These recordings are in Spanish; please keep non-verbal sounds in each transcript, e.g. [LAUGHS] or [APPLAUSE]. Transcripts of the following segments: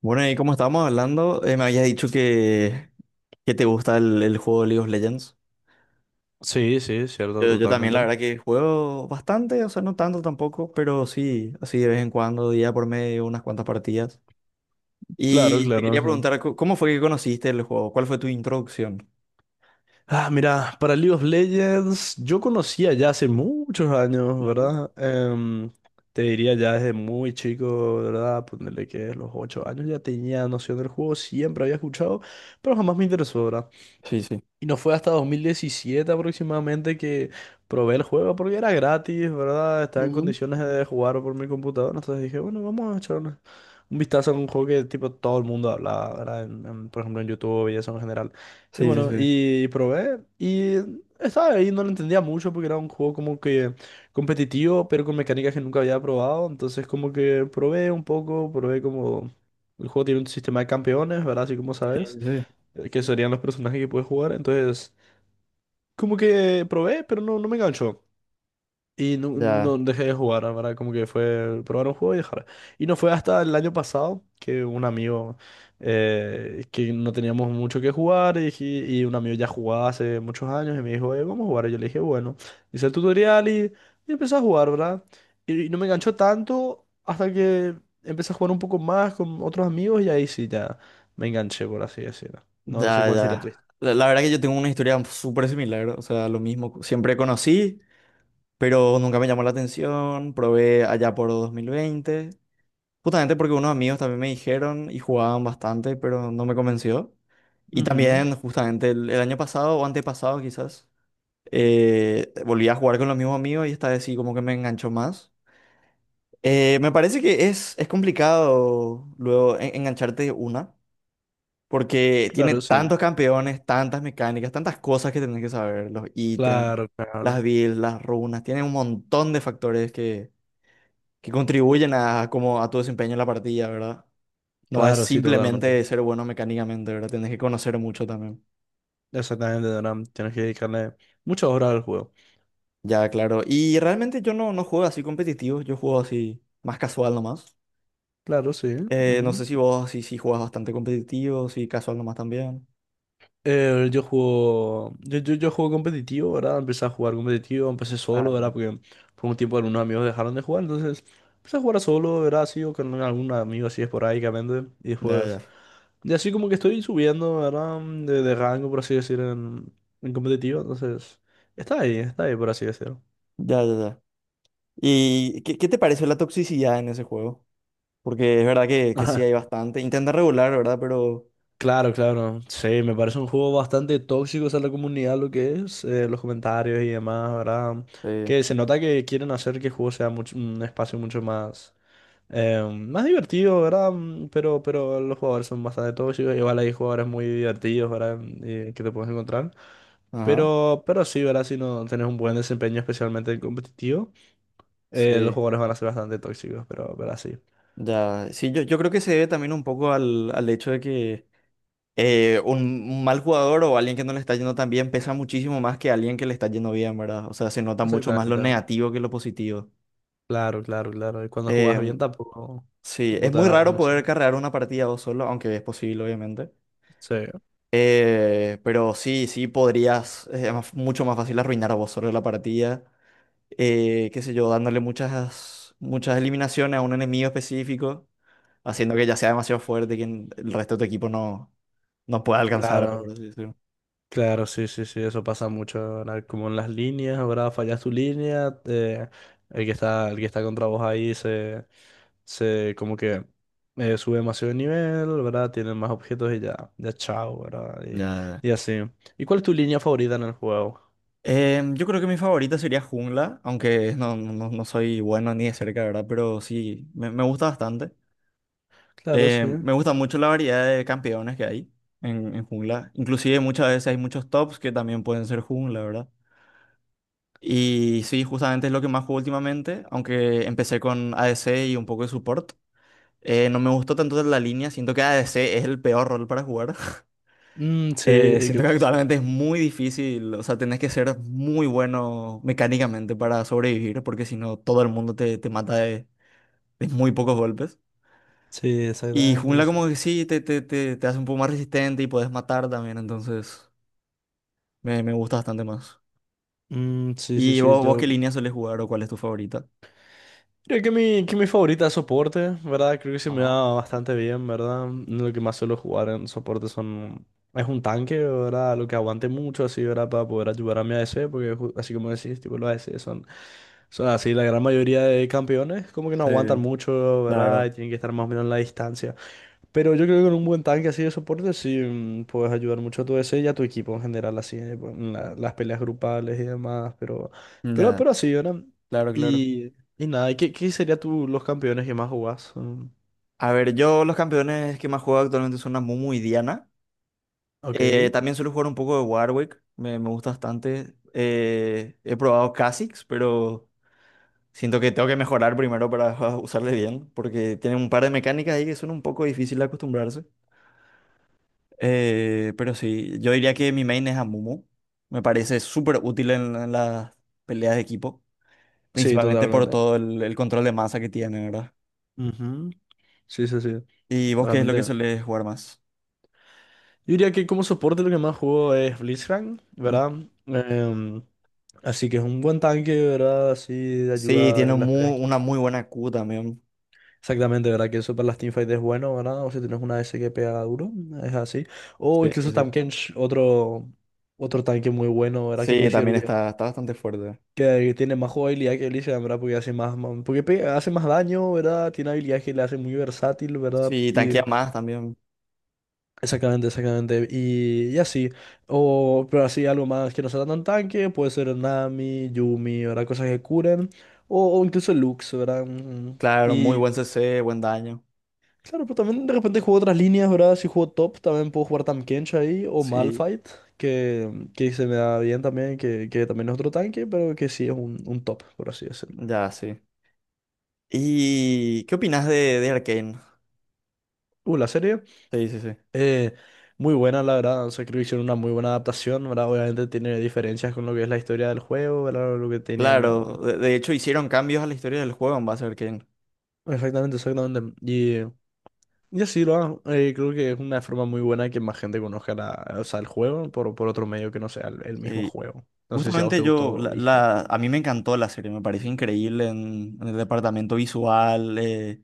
Bueno, y como estábamos hablando, me habías dicho que te gusta el juego League of Legends. Sí, sí, cierto, Yo también, la totalmente. verdad que juego bastante, o sea, no tanto tampoco, pero sí, así de vez en cuando, día por medio, unas cuantas partidas. Claro, Y te claro. quería Sí. preguntar, ¿cómo fue que conociste el juego? ¿Cuál fue tu introducción? Ah, mira, para League of Legends, yo conocía ya hace muchos años, Ujú. ¿verdad? Te diría ya desde muy chico, ¿verdad? Ponerle que los 8 años ya tenía noción del juego, siempre había escuchado, pero jamás me interesó, ¿verdad? Sí, sí. Y no fue hasta 2017 aproximadamente que probé el juego porque era gratis, ¿verdad? Estaba en Ujú. condiciones de jugar por mi computadora. Entonces dije, bueno, vamos a echar una- un vistazo a un juego que tipo todo el mundo hablaba, ¿verdad? Por ejemplo, en YouTube y eso en general. Y Sí, sí, bueno, sí. y probé y estaba ahí, no lo entendía mucho porque era un juego como que competitivo, pero con mecánicas que nunca había probado. Entonces como que probé un poco, probé como... El juego tiene un sistema de campeones, ¿verdad? Así como Sí, sabes sí. Que serían los personajes que puedes jugar. Entonces, como que probé, pero no, no me enganchó. Y no, Ya, no dejé de jugar, la ¿verdad? Como que fue probar un juego y dejar. Y no fue hasta el año pasado que un amigo, que no teníamos mucho que jugar, y, dije- y un amigo ya jugaba hace muchos años y me dijo, vamos a jugar. Y yo le dije, bueno, hice el tutorial y, empecé a jugar, ¿verdad? Y no me enganchó tanto hasta que empecé a jugar un poco más con otros amigos y ahí sí ya me enganché, por así decirlo. No, no sé ya, cuál sería tu. ya. La verdad que yo tengo una historia súper similar, o sea, lo mismo. Siempre conocí, pero nunca me llamó la atención. Probé allá por 2020, justamente porque unos amigos también me dijeron y jugaban bastante, pero no me convenció. Y Ujú. también justamente el año pasado o antepasado quizás, volví a jugar con los mismos amigos y esta vez sí como que me enganchó más. Me parece que es complicado luego engancharte de una, porque tiene Claro, sí. tantos campeones, tantas mecánicas, tantas cosas que tenés que saber, los ítems, Claro, claro. las builds, las runas, tiene un montón de factores que contribuyen a, como a tu desempeño en la partida, ¿verdad? No es Claro, sí, totalmente. simplemente ser bueno mecánicamente, ¿verdad? Tienes que conocer mucho también. Exactamente, Doram. Tienes que dedicarle muchas horas al juego. Ya, claro. Y realmente yo no juego así competitivo, yo juego así más casual nomás. Claro, sí. No Ujú. sé si vos sí, sí juegas bastante competitivo, si casual nomás también. Yo juego. Yo juego competitivo, ¿verdad? Empecé a jugar competitivo, empecé Ah, solo, ¿verdad? no. Porque por un tiempo algunos amigos dejaron de jugar, entonces empecé a jugar solo, ¿verdad? Así o con algún amigo así esporádicamente. Y Ya, después. ya. Y así como que estoy subiendo, ¿verdad? De rango, por así decir, en, competitivo. Entonces. Está ahí, por así decirlo. Ya, ya, ya. ¿Y qué, qué te pareció la toxicidad en ese juego? Porque es verdad que sí [LAUGHS] hay bastante. Intenta regular, ¿verdad? Pero... Claro, claro. Sí, me parece un juego bastante tóxico, o sea, la comunidad, lo que es, los comentarios y demás, ¿verdad? Sí. Que se nota que quieren hacer que el juego sea mucho, un espacio mucho más, más divertido, ¿verdad? Pero los jugadores son bastante tóxicos, igual hay jugadores muy divertidos, ¿verdad? Y que te puedes encontrar. Ajá. Pero sí, ¿verdad? Si no tenés un buen desempeño, especialmente en competitivo, los Sí. jugadores van a ser bastante tóxicos, pero así. Ya, sí, yo creo que se debe también un poco al hecho de que eh, un, un mal jugador o alguien que no le está yendo tan bien pesa muchísimo más que alguien que le está yendo bien, ¿verdad? O sea, se nota mucho más lo Exactamente. negativo que lo positivo. Claro, claro, claro. Y cuando jugás Eh, bien tampoco, sí, tampoco es te muy van a raro reconocer. poder carrear una partida vos solo, aunque es posible, obviamente. Sí, Pero sí, sí podrías, es mucho más fácil arruinar vos solo la partida qué sé yo, dándole muchas, muchas eliminaciones a un enemigo específico, haciendo que ya sea demasiado fuerte y que el resto de tu equipo no, no pueda alcanzar. Por claro, así decirlo. claro, sí, sí, sí, eso pasa mucho, ahora como en las líneas, ahora fallas tu línea, el que está contra vos ahí se como que sube demasiado de nivel, ¿verdad? Tienen más objetos y ya, ya chao, ¿verdad? Ya. Y así. ¿Y cuál es tu línea favorita en el juego? Yo creo que mi favorita sería jungla, aunque no soy bueno ni de cerca, ¿verdad? Pero sí, me gusta bastante. Claro, sí. Me gusta mucho la variedad de campeones que hay en jungla. Inclusive muchas veces hay muchos tops que también pueden ser jungla, ¿verdad? Y sí, justamente es lo que más juego últimamente, aunque empecé con ADC y un poco de support. No me gustó tanto la línea, siento que ADC es el peor rol para jugar. [LAUGHS] Mm, sí, Siento creo que que sí. actualmente es muy difícil, o sea, tenés que ser muy bueno mecánicamente para sobrevivir, porque si no, todo el mundo te, te mata de muy pocos golpes. Sí, Y exactamente jungla eso. como que sí, te hace un poco más resistente y puedes matar también, entonces me gusta bastante más. Mm, sí, sí, ¿Y sí, vos qué yo. línea sueles jugar o cuál es tu favorita? Creo que mi favorita es soporte, ¿verdad? Creo que se me da Ajá. bastante bien, ¿verdad? Lo que más suelo jugar en soporte son... Es un tanque, ¿verdad? Lo que aguante mucho, así, ¿verdad? Para poder ayudar a mi a ADC, porque ju- así como decís, tipo, los a ADC son... Son así, la gran mayoría de campeones como que no aguantan Sí, mucho, ¿verdad? claro. Y tienen que estar más o menos en la distancia. Pero yo creo que con un buen tanque así de soporte sí puedes ayudar mucho a tu DC y a tu equipo en general, así pues, en la- las peleas grupales y demás, pero, pero, Ya, pero así, ¿verdad? claro, claro. Y nada, ¿qué, qué serían tú los campeones que más jugás? Mm. A ver, yo los campeones que más juego actualmente son Amumu y Diana. Ok. También suelo jugar un poco de Warwick, me gusta bastante. He probado Kha'Zix, pero siento que tengo que mejorar primero para [LAUGHS] usarle bien, porque tienen un par de mecánicas ahí que son un poco difíciles de acostumbrarse. Pero sí, yo diría que mi main es Amumu. Me parece súper útil en las peleas de equipo, Sí, principalmente por totalmente. todo el control de masa que tiene, ¿verdad? Ujú. Sí, sí, sí, ¿Y vos qué es lo que realmente. sueles jugar más? Yo diría que como soporte lo que más juego es Blitzcrank, ¿verdad? Em, Así que es un buen tanque, ¿verdad? Así de Sí, ayuda tiene en las peleas. Una muy buena Q también. Exactamente, ¿verdad? Que eso para las teamfights es bueno, ¿verdad? O si tienes una S que pega duro, es así. O Sí, sí. incluso Sí. Tamkench, otro, otro tanque muy bueno, ¿verdad? Que Sí, considero también que, está, está bastante fuerte. que tiene más jugabilidad que Elysian, ¿verdad? Porque hace más, más- porque pe- hace más daño, ¿verdad? Tiene habilidades que le hacen muy versátil, ¿verdad? Sí, Y tanquea más también. exactamente, exactamente. Y así. O, pero así algo más que no sea tan tanque, puede ser Nami, Yumi, ¿verdad? Cosas que curen. o, incluso Lux, ¿verdad? Claro, muy Y buen CC, buen daño. claro, pero también de repente juego otras líneas, ¿verdad? Si juego top, también puedo jugar Tamkench ahí, o Sí, Malphite, que, se me da bien también, que también es otro tanque, pero que sí es un top, por así decirlo. ya, sí. ¿Y qué opinas de Arcane? La serie, Sí, sí, sí. eh, muy buena, la verdad. O sea, creo que hicieron una muy buena adaptación, ¿verdad? Obviamente tiene diferencias con lo que es la historia del juego, ¿verdad? Lo que tenían, ¿no? Claro, de hecho hicieron cambios a la historia del juego en base a Arcane. Exactamente, exactamente. Y así, ¿verdad? Creo que es una forma muy buena que más gente conozca la, o sea, el juego por, otro medio que no sea el mismo Sí. juego. No sé si a vos Justamente te yo, gustó, ¿viste? A mí me encantó la serie, me pareció increíble en el departamento visual,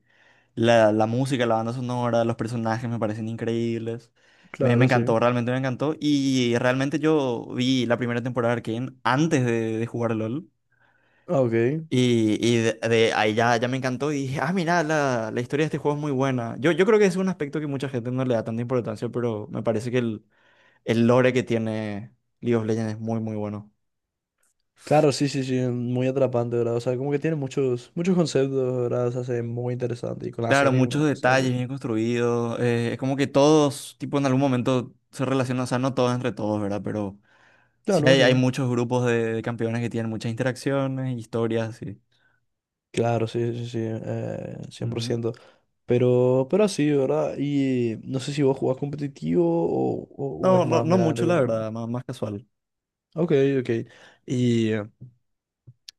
la música, la banda sonora, los personajes me parecen increíbles. Me Claro, sí. encantó, realmente me encantó. Y realmente yo vi la primera temporada de Arcane antes de jugar LOL. Ah, ok. Y de ahí ya me encantó y dije, ah, mira, la historia de este juego es muy buena. Yo creo que es un aspecto que mucha gente no le da tanta importancia, pero me parece que el lore que tiene League of Legends es muy, muy bueno. Claro, sí, sí, sí, muy atrapante, ¿verdad? O sea, como que tiene muchos, muchos conceptos, ¿verdad? Se hace muy interesante. Y con la Claro, serie, muchos uno, o sea, detalles con-. bien construidos. Eh, es como que todos, tipo, en algún momento se relacionan, o sea, no todos entre todos, ¿verdad? Pero sí, Claro, hay sí. muchos grupos de campeones que tienen muchas interacciones, historias, sí. Claro, sí, sí, sí, cien por Ujú. ciento Pero, así, ¿verdad? Y no sé si vos jugás competitivo o No, es no, más no meramente mucho, la una... verdad, más, más casual. Ok, ok. Y,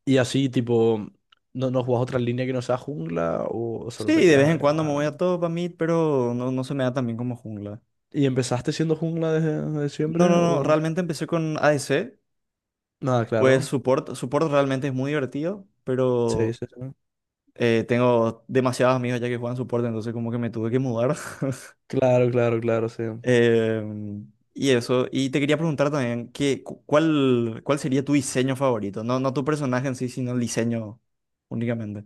y así, tipo, ¿no, no jugás otra línea que no sea jungla o solo te Sí, de quedas vez ahí? en cuando me Ah? voy a top, a mid, pero no, no se me da tan bien como jungla. ¿Y empezaste siendo jungla desde No, siempre no, no, o...? realmente empecé con ADC, Nada, pues claro. support, support realmente es muy divertido, Sí, pero sí, sí. Tengo demasiados amigos ya que juegan support, entonces como que me tuve que mudar. Claro, claro, claro, sí. Eh, y eso, y te quería preguntar también, ¿qué, cuál sería tu diseño favorito? No tu personaje en sí, sino el diseño únicamente.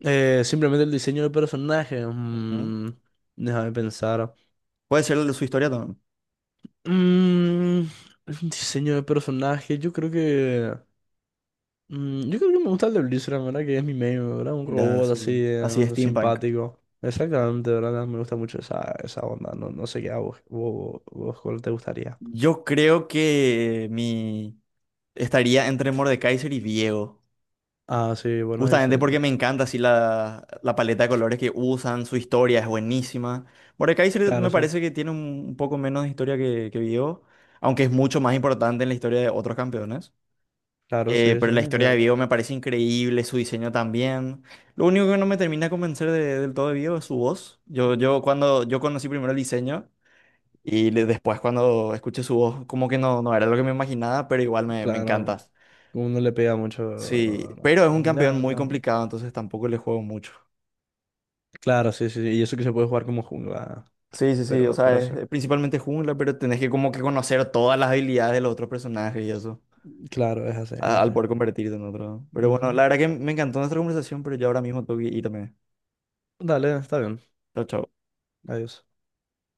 Simplemente el diseño de personaje. Ujú. Déjame pensar. Puede ser el de su historia también, Mm, el diseño de personaje, yo creo que. Yo creo que me gusta el de Blizzard, ¿verdad? Que es mi main, ¿verdad? Un ya, robot así, así steampunk. simpático. Exactamente, ¿verdad? Me gusta mucho esa, onda. No, no sé qué a vos cuál te gustaría. Yo creo que mi estaría entre Mordekaiser y viego Ah, sí, buenos justamente porque diseños. me encanta así la paleta de colores que usan, su historia es buenísima. Mordekaiser Claro, me sí. parece que tiene un poco menos de historia que viego aunque es mucho más importante en la historia de otros campeones. Claro, sí, Pero sí. la Sí, historia de Vivo me parece increíble, su diseño también. Lo único que no me termina de convencer del todo de Vivo es su voz. Yo cuando yo conocí primero el diseño después cuando escuché su voz, como que no, no era lo que me imaginaba, pero igual me encanta. claro. Uno le pega mucho. Sí, pero es un Ya, campeón muy ya. complicado, entonces tampoco le juego mucho. Claro, sí, sí, sí, y eso que se puede jugar como jungla, Sí, sí, sí, o pero, sea, pero eso, es principalmente jungla, pero tenés que como que conocer todas las habilidades de los otros personajes y eso, claro, es así, es al así. poder convertirte en otro. Pero bueno, Ujú. la verdad que me encantó nuestra conversación, pero yo ahora mismo tengo que irme. Dale, está bien, Chao, chao. adiós.